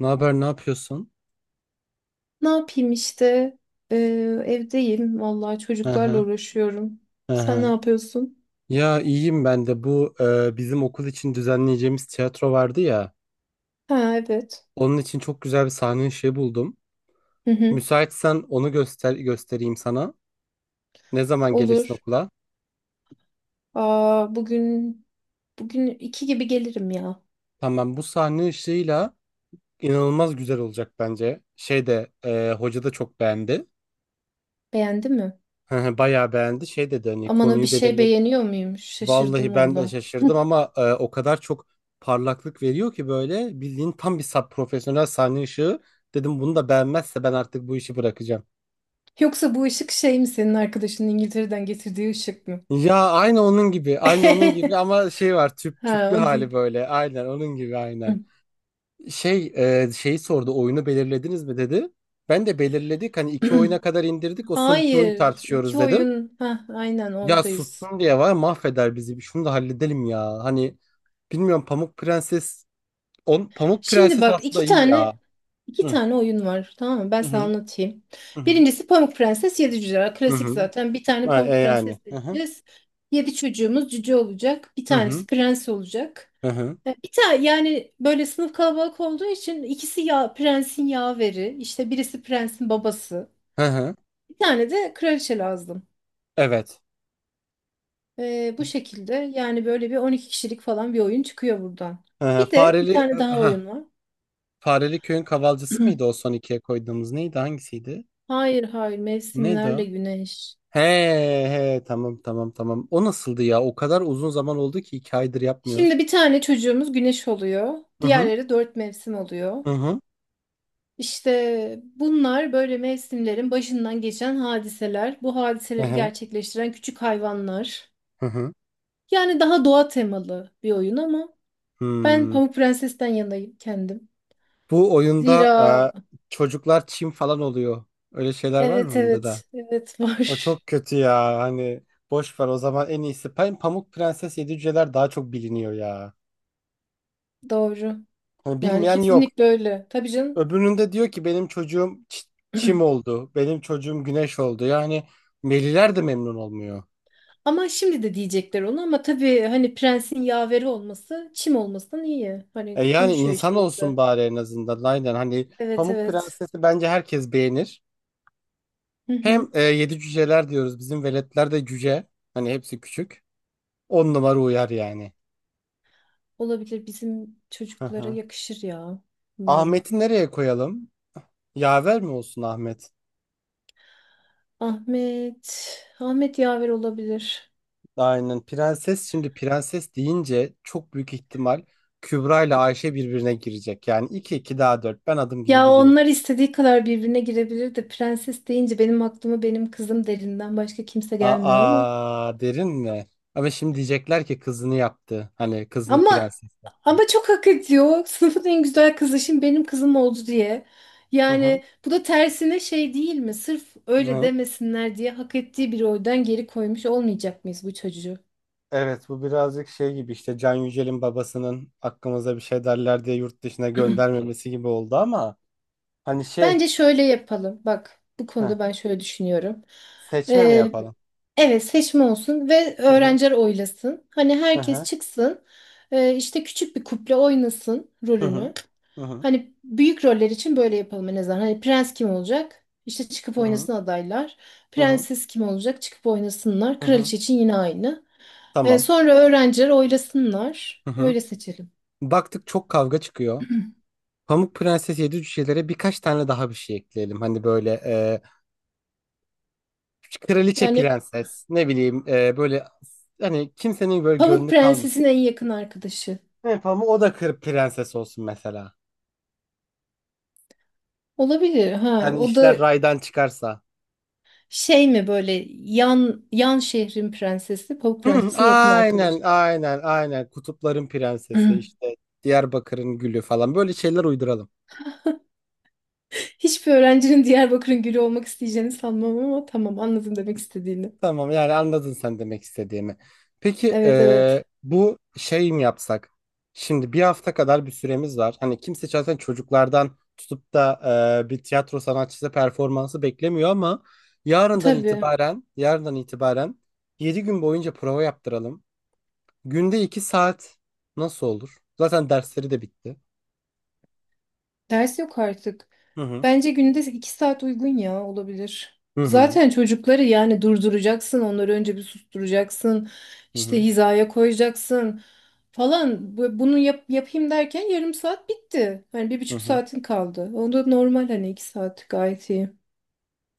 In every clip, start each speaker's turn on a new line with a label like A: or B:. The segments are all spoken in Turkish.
A: Ne haber, ne yapıyorsun?
B: Ne yapayım işte? Ee, Evdeyim. Vallahi
A: Hı
B: çocuklarla
A: hı,
B: uğraşıyorum.
A: hı
B: Sen ne
A: hı.
B: yapıyorsun?
A: Ya iyiyim ben de. Bu bizim okul için düzenleyeceğimiz tiyatro vardı ya.
B: Ha, evet.
A: Onun için çok güzel bir sahne işi buldum.
B: Hı hı.
A: Müsaitsen onu göstereyim sana. Ne zaman gelirsin
B: Olur.
A: okula?
B: Aa, bugün iki gibi gelirim ya.
A: Tamam, bu sahne ışığıyla inanılmaz güzel olacak bence. Şey de hoca da çok beğendi.
B: Beğendi mi?
A: Hı hı, bayağı beğendi. Şey dedi, hani
B: Aman, o bir
A: konuyu
B: şey
A: belirle.
B: beğeniyor muymuş?
A: Vallahi
B: Şaşırdım
A: ben de
B: valla.
A: şaşırdım ama o kadar çok parlaklık veriyor ki böyle bildiğin tam bir sap profesyonel sahne ışığı. Dedim bunu da beğenmezse ben artık bu işi bırakacağım.
B: Yoksa bu ışık şey mi, senin arkadaşının İngiltere'den getirdiği ışık mı?
A: Ya aynı onun gibi, aynı onun gibi, ama şey var, tüp
B: Ha,
A: tüplü
B: o
A: hali
B: değil.
A: böyle. Aynen onun gibi, aynen. Şey şeyi sordu, oyunu belirlediniz mi dedi. Ben de belirledik hani, iki oyuna kadar indirdik, o son iki oyun
B: Hayır.
A: tartışıyoruz
B: iki
A: dedim.
B: oyun. Ha, aynen
A: Ya
B: oradayız.
A: sustum diye var, mahveder bizi, şunu da halledelim ya. Hani bilmiyorum, Pamuk Prenses on, Pamuk
B: Şimdi
A: Prenses
B: bak,
A: aslında
B: iki
A: iyi ya.
B: tane iki
A: Hı
B: tane oyun var, tamam mı? Ben sana
A: hı
B: anlatayım.
A: hı hı.
B: Birincisi Pamuk Prenses Yedi Cüce.
A: Hı
B: Klasik
A: hı.
B: zaten. Bir tane
A: Ha,
B: Pamuk
A: yani.
B: Prenses
A: Hı hı.
B: seçeceğiz. Yedi çocuğumuz cüce olacak. Bir
A: Hı hı.
B: tanesi prens olacak.
A: Hı hı.
B: Bir tane yani, böyle sınıf kalabalık olduğu için ikisi ya prensin yaveri, işte birisi prensin babası.
A: Hı hı.
B: Bir tane de kraliçe lazım.
A: Evet.
B: Bu şekilde yani böyle bir 12 kişilik falan bir oyun çıkıyor buradan.
A: Hı hı.
B: Bir de bir
A: Fareli
B: tane daha
A: ha.
B: oyun var.
A: Fareli Köy'ün kavalcısı mıydı, o son ikiye koyduğumuz neydi, hangisiydi?
B: Hayır, hayır,
A: Neydi
B: mevsimlerle
A: o?
B: güneş.
A: He, he, tamam, tamam, tamam. O nasıldı ya? O kadar uzun zaman oldu ki 2 aydır yapmıyoruz.
B: Şimdi bir tane çocuğumuz güneş oluyor.
A: Hı hı.
B: Diğerleri dört mevsim oluyor.
A: Hı hı.
B: İşte bunlar böyle mevsimlerin başından geçen hadiseler. Bu
A: Hı
B: hadiseleri
A: hı.
B: gerçekleştiren küçük hayvanlar.
A: Hı hı.
B: Yani daha doğa temalı bir oyun ama ben
A: Hmm.
B: Pamuk Prenses'ten yanayım kendim.
A: Bu oyunda
B: Zira
A: çocuklar çim falan oluyor. Öyle şeyler var mı
B: evet,
A: bunda da?
B: evet, evet,
A: O
B: var.
A: çok kötü ya. Hani boş ver o zaman, en iyisi. Ben Pamuk Prenses Yedi Cüceler daha çok biliniyor ya.
B: Doğru.
A: Hani
B: Yani
A: bilmeyen yok.
B: kesinlikle öyle. Tabii canım.
A: Öbüründe diyor ki benim çocuğum çim oldu. Benim çocuğum güneş oldu. Yani Meliler de memnun olmuyor.
B: Ama şimdi de diyecekler onu, ama tabii hani prensin yaveri olması çim olmasından iyi. Hani
A: E yani
B: konuşuyor
A: insan
B: işte.
A: olsun bari, en azından. Aynen hani,
B: Evet,
A: Pamuk
B: evet.
A: Prenses'i bence herkes beğenir.
B: Hı
A: Hem
B: hı.
A: Yedi Cüceler diyoruz. Bizim veletler de cüce. Hani hepsi küçük. On numara uyar yani.
B: Olabilir, bizim
A: Hı
B: çocuklara
A: hı.
B: yakışır ya. Bilmiyorum.
A: Ahmet'i nereye koyalım? Yaver mi olsun Ahmet?
B: Ahmet. Ahmet yaver olabilir.
A: Aynen, prenses, şimdi prenses deyince çok büyük ihtimal Kübra ile Ayşe birbirine girecek. Yani 2 2 daha dört, ben adım gibi
B: Ya
A: biliyorum.
B: onlar istediği kadar birbirine girebilir de prenses deyince benim aklıma benim kızım derinden başka kimse gelmiyor ama.
A: Aa, derin mi? Ama şimdi diyecekler ki kızını yaptı. Hani kızını
B: Ama
A: prenses yaptı.
B: ama çok hak ediyor. Sınıfın en güzel kızı şimdi benim kızım oldu diye.
A: Hı hı.
B: Yani bu da tersine şey değil mi? Sırf öyle
A: Ne?
B: demesinler diye hak ettiği bir oydan geri koymuş olmayacak mıyız bu çocuğu?
A: Evet, bu birazcık şey gibi işte, Can Yücel'in babasının "hakkımıza bir şey derler" diye yurt dışına göndermemesi gibi oldu, ama hani şey,
B: Bence şöyle yapalım. Bak, bu
A: heh,
B: konuda ben şöyle düşünüyorum.
A: seçme mi
B: Ee,
A: yapalım?
B: evet, seçme olsun ve
A: Hı hı.
B: öğrenciler oylasın. Hani
A: Hı
B: herkes
A: hı.
B: çıksın, işte küçük bir kuple oynasın
A: Hı hı.
B: rolünü.
A: Hı hı.
B: Hani büyük roller için böyle yapalım en azından. Hani prens kim olacak? İşte çıkıp
A: Hı hı.
B: oynasın adaylar.
A: Hı hı.
B: Prenses kim olacak? Çıkıp oynasınlar.
A: Hı hı.
B: Kraliçe için yine aynı. Ee,
A: Tamam.
B: sonra öğrenciler oylasınlar.
A: Hı hı.
B: Öyle seçelim.
A: Baktık çok kavga çıkıyor. Pamuk Prenses Yedi Cücelere birkaç tane daha bir şey ekleyelim. Hani böyle kraliçe,
B: Yani
A: prenses, ne bileyim böyle, hani kimsenin böyle
B: Pamuk
A: gönlü
B: Prenses'in
A: kalmasın.
B: en yakın arkadaşı.
A: Ne Pamuk, o da kır prenses olsun mesela.
B: Olabilir, ha.
A: Hani
B: O
A: işler
B: da
A: raydan çıkarsa.
B: şey mi, böyle yan şehrin prensesi, Pamuk
A: Hı,
B: Prenses'in yakın
A: aynen,
B: arkadaşı.
A: aynen, aynen, kutupların prensesi işte, Diyarbakır'ın gülü falan, böyle şeyler uyduralım.
B: Hiçbir öğrencinin Diyarbakır'ın gülü olmak isteyeceğini sanmam, ama tamam, anladım demek istediğini.
A: Tamam, yani anladın sen demek istediğimi. Peki
B: Evet, evet.
A: bu şey mi yapsak? Şimdi bir hafta kadar bir süremiz var. Hani kimse zaten çocuklardan tutup da bir tiyatro sanatçısı performansı beklemiyor, ama yarından
B: Tabii.
A: itibaren yarından itibaren 7 gün boyunca prova yaptıralım. Günde 2 saat nasıl olur? Zaten dersleri de bitti.
B: Ders yok artık.
A: Hı hı.
B: Bence günde 2 saat uygun ya, olabilir.
A: Hı hı.
B: Zaten çocukları yani durduracaksın. Onları önce bir susturacaksın.
A: Hı
B: İşte
A: hı.
B: hizaya koyacaksın falan. Bunu yapayım derken yarım saat bitti. Hani bir
A: Hı
B: buçuk
A: hı.
B: saatin kaldı. O da normal, hani 2 saat gayet iyi.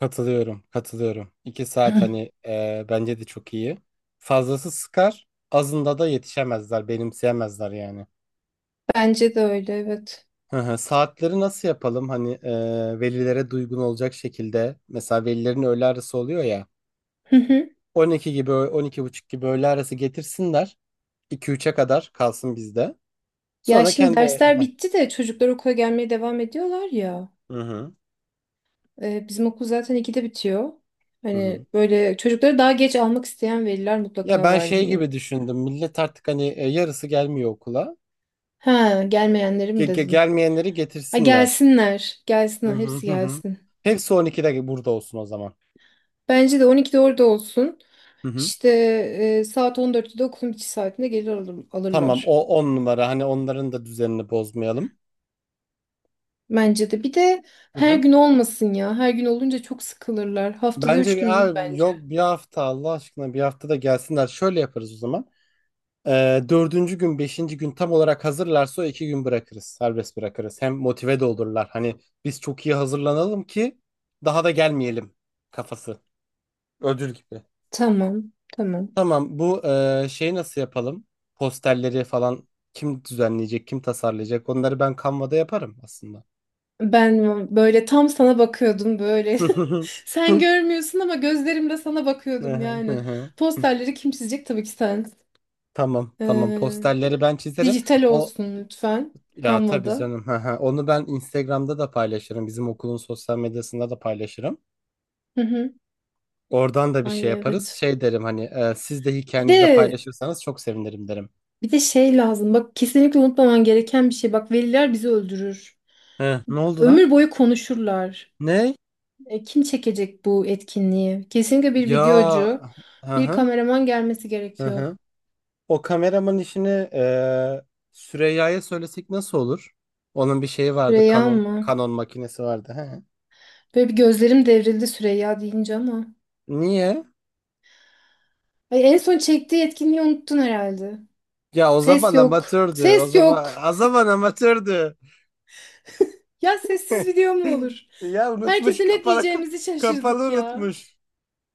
A: Katılıyorum, katılıyorum. İki saat, hani bence de çok iyi. Fazlası sıkar, azında da yetişemezler, benimseyemezler yani.
B: Bence de öyle, evet.
A: Hı hı. Saatleri nasıl yapalım, hani velilere duygun olacak şekilde. Mesela velilerin öğle arası oluyor ya.
B: Hı hı.
A: 12 gibi, 12:30 gibi öğle arası getirsinler. İki üçe kadar kalsın bizde.
B: Ya
A: Sonra
B: şimdi
A: kendi...
B: dersler bitti de çocuklar okula gelmeye devam ediyorlar ya.
A: Hı hı,
B: Bizim okul zaten ikide bitiyor.
A: hı
B: Hani
A: hı.
B: böyle çocukları daha geç almak isteyen veliler
A: Ya,
B: mutlaka
A: ben
B: var
A: şey
B: ya.
A: gibi düşündüm. Millet artık, hani yarısı gelmiyor okula.
B: Ha, gelmeyenleri mi dedin?
A: Gelmeyenleri
B: Ha,
A: getirsinler.
B: gelsinler.
A: Hı
B: Gelsinler,
A: hı
B: hepsi
A: hı. Hı.
B: gelsin.
A: Hepsi 12'de burada olsun o zaman.
B: Bence de 12'de orada olsun.
A: Hı hı.
B: İşte saat 14'te de okulun bitiş saatinde gelir
A: Tamam,
B: alırlar.
A: o 10 numara. Hani onların da düzenini bozmayalım.
B: Bence de. Bir de
A: Hı
B: her
A: hı.
B: gün olmasın ya. Her gün olunca çok sıkılırlar. Haftada
A: Bence
B: 3 gün
A: bir
B: iyi
A: abi yok,
B: bence.
A: bir hafta Allah aşkına, bir hafta da gelsinler. Şöyle yaparız o zaman. Dördüncü gün, beşinci gün tam olarak hazırlarsa o 2 gün bırakırız. Serbest bırakırız. Hem motive de olurlar. Hani "biz çok iyi hazırlanalım ki daha da gelmeyelim" kafası. Ödül gibi.
B: Tamam, tamam.
A: Tamam, bu şey nasıl yapalım? Posterleri falan kim düzenleyecek, kim tasarlayacak? Onları ben Canva'da yaparım aslında.
B: Ben böyle tam sana bakıyordum böyle.
A: Hı
B: Sen görmüyorsun ama gözlerimle sana bakıyordum
A: hı, hı
B: yani.
A: hı.
B: Posterleri kim çizecek? Tabii ki sen.
A: Tamam, tamam,
B: Ee,
A: posterleri ben çizerim.
B: dijital
A: O,
B: olsun lütfen.
A: ya tabii
B: Canva'da.
A: canım. Hı hı. Onu ben Instagram'da da paylaşırım. Bizim okulun sosyal medyasında da paylaşırım.
B: Hı hı.
A: Oradan da bir şey
B: Ay,
A: yaparız.
B: evet.
A: Şey derim hani, "siz de
B: Bir
A: hikayenizde
B: de
A: paylaşırsanız çok sevinirim" derim.
B: bir de şey lazım. Bak, kesinlikle unutmaman gereken bir şey. Bak, veliler bizi öldürür.
A: He, ne oldu lan?
B: Ömür boyu konuşurlar.
A: Ne?
B: Kim çekecek bu etkinliği? Kesinlikle bir videocu,
A: Ya. Hı
B: bir
A: hı.
B: kameraman gelmesi
A: Hı
B: gerekiyor.
A: hı. O kameraman işini eee Süreyya'ya söylesek nasıl olur? Onun bir şeyi vardı.
B: Reyhan
A: Canon,
B: mı?
A: Canon makinesi vardı. He.
B: Böyle bir gözlerim devrildi Süreyya deyince ama.
A: Niye?
B: Ay, en son çektiği etkinliği unuttun herhalde.
A: Ya, o
B: Ses
A: zaman
B: yok.
A: amatördü. O
B: Ses yok.
A: zaman o zaman amatördü.
B: Ya, sessiz video mu olur?
A: Ya unutmuş,
B: Herkese ne
A: kapalı
B: diyeceğimizi
A: kapalı
B: şaşırdık ya.
A: unutmuş.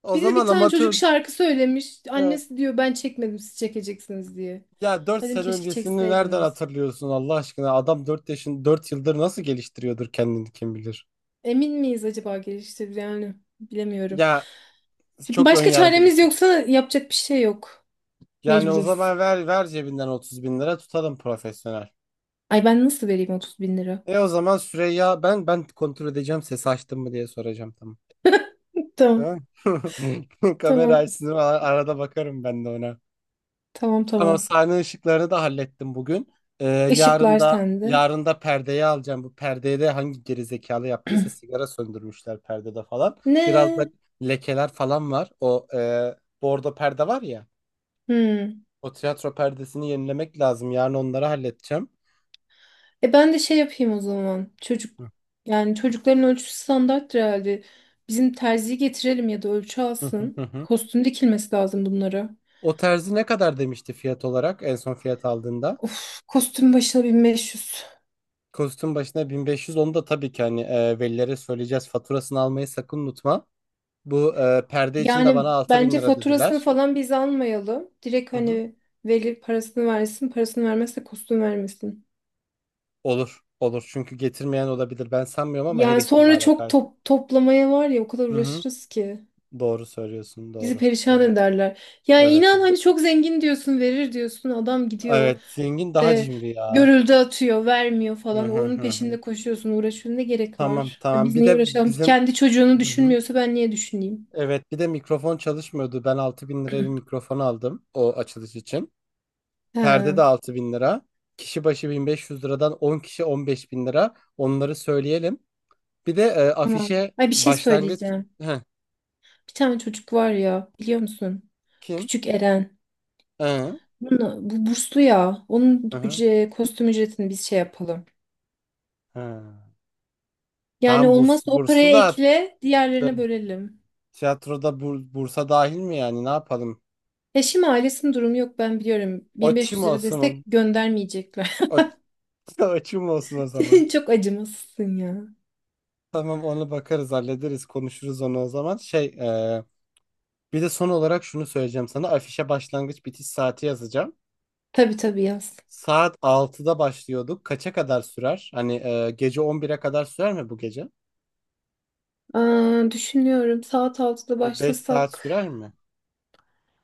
A: O
B: Bir de bir
A: zaman
B: tane çocuk
A: amatör.
B: şarkı söylemiş.
A: He.
B: Annesi diyor, ben çekmedim, siz çekeceksiniz diye.
A: Ya, 4
B: Dedim
A: sene
B: keşke
A: öncesini nereden
B: çekseydiniz.
A: hatırlıyorsun Allah aşkına? Adam 4 yaşın, 4 yıldır nasıl geliştiriyordur kendini, kim bilir?
B: Emin miyiz acaba geliştir, yani bilemiyorum.
A: Ya,
B: Şimdi
A: çok ön
B: başka çaremiz
A: yargılısın.
B: yoksa yapacak bir şey yok.
A: Yani o
B: Mecburuz.
A: zaman ver ver cebinden 30 bin lira tutalım, profesyonel.
B: Ay, ben nasıl vereyim 30 bin lira?
A: E o zaman Süreyya, ben kontrol edeceğim ses açtım mı diye soracağım, tamam.
B: Tamam,
A: Tamam. Kamera
B: tamam,
A: açsın, arada bakarım ben de ona.
B: tamam,
A: Tamam,
B: tamam.
A: sahne ışıklarını da hallettim bugün. Ee, yarın
B: Işıklar
A: da
B: sende.
A: yarın da perdeyi alacağım. Bu perdeye de hangi geri zekalı yaptıysa sigara söndürmüşler perdede falan. Biraz da
B: Ne?
A: lekeler falan var. O bordo perde var ya.
B: Hmm.
A: O tiyatro perdesini yenilemek lazım. Yarın onları halledeceğim.
B: Ben de şey yapayım o zaman. Yani çocukların ölçüsü standarttır herhalde. Bizim terziyi getirelim ya da ölçü
A: Hı hı hı.
B: alsın.
A: Hı.
B: Kostüm dikilmesi lazım bunlara.
A: O terzi ne kadar demişti fiyat olarak, en son fiyat aldığında?
B: Of, kostüm başına 1.500.
A: Kostüm başına 1.500, onu da tabii ki hani velilere söyleyeceğiz. Faturasını almayı sakın unutma. Bu perde için de
B: Yani
A: bana 6000
B: bence
A: lira
B: faturasını
A: dediler.
B: falan biz almayalım. Direkt
A: Hı hı.
B: hani veli parasını versin, parasını vermezse kostüm vermesin.
A: Olur. Olur. Çünkü getirmeyen olabilir. Ben sanmıyorum ama her
B: Yani sonra
A: ihtimale
B: çok
A: karşı.
B: toplamaya var ya, o kadar
A: Hı hı.
B: uğraşırız ki.
A: Doğru söylüyorsun.
B: Bizi
A: Doğru.
B: perişan
A: Doğru.
B: ederler. Yani
A: Evet.
B: inan hani
A: Evet.
B: çok zengin diyorsun, verir diyorsun. Adam gidiyor
A: Evet. Zengin daha
B: ve
A: cimri ya.
B: görüldü atıyor, vermiyor
A: Hı
B: falan.
A: hı
B: Onun
A: hı. Hı.
B: peşinde koşuyorsun, uğraşıyorsun. Ne gerek
A: Tamam.
B: var?
A: Tamam.
B: Biz
A: Bir
B: niye
A: de
B: uğraşalım ki?
A: bizim...
B: Kendi çocuğunu
A: Hı hı.
B: düşünmüyorsa ben niye düşüneyim?
A: Evet, bir de mikrofon çalışmıyordu. Ben 6.000 liraya bir mikrofon aldım o açılış için. Perde
B: He,
A: de 6.000 lira. Kişi başı 1.500 liradan 10 kişi, 15.000 lira. Onları söyleyelim. Bir de
B: tamam.
A: afişe
B: Ay, bir şey
A: başlangıç.
B: söyleyeceğim.
A: Heh,
B: Bir tane çocuk var ya, biliyor musun?
A: kim?
B: Küçük Eren.
A: Hı,
B: Bu burslu ya. Onun
A: hı, hı.
B: kostüm ücretini biz şey yapalım.
A: Hı.
B: Yani
A: Tamam,
B: olmazsa o
A: bursu
B: paraya
A: da
B: ekle,
A: attı.
B: diğerlerine bölelim.
A: Tiyatroda bursa dahil mi yani, ne yapalım?
B: Eşim ailesinin durumu yok, ben biliyorum.
A: O çim
B: 1.500 lira destek
A: olsun.
B: göndermeyecekler.
A: O, o çim olsun o zaman.
B: Çok acımasızsın ya.
A: Tamam, onu bakarız, hallederiz, konuşuruz onu o zaman. Şey bir de son olarak şunu söyleyeceğim sana. Afişe başlangıç bitiş saati yazacağım.
B: Tabii, tabii, yaz.
A: Saat 6'da başlıyorduk. Kaça kadar sürer? Hani gece 11'e kadar sürer mi bu gece?
B: Aa, düşünüyorum saat 6'da
A: Bir 5 saat
B: başlasak.
A: sürer mi?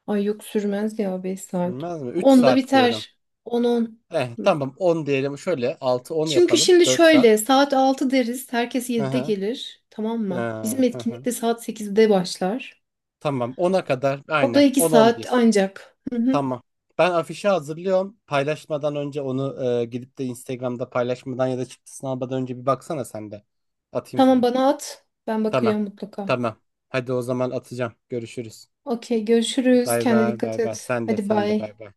B: Ay, yok, sürmez ya 5 saat.
A: Sürmez mi? 3
B: Onda
A: saat diyorum.
B: biter. On, on.
A: Tamam, 10 diyelim. Şöyle 6-10
B: Çünkü
A: yapalım.
B: şimdi
A: 4 saat.
B: şöyle saat 6 deriz. Herkes
A: Hı
B: 7'de
A: hı.
B: gelir. Tamam mı? Bizim
A: Hı
B: etkinlik
A: hı.
B: de saat 8'de başlar.
A: Tamam, ona kadar,
B: O da
A: aynen,
B: 2
A: on on
B: saat
A: bir.
B: ancak. Hı hı.
A: Tamam. Ben afişi hazırlıyorum. Paylaşmadan önce onu, gidip de Instagram'da paylaşmadan ya da çıktısını almadan önce bir baksana sen de. Atayım
B: Tamam,
A: sana.
B: bana at. Ben
A: Tamam.
B: bakacağım mutlaka.
A: Tamam. Hadi o zaman, atacağım. Görüşürüz.
B: Okey, görüşürüz.
A: Bay
B: Kendine
A: bay bay
B: dikkat
A: bay.
B: et.
A: Sen de,
B: Hadi,
A: sen de, bay
B: bay.
A: bay.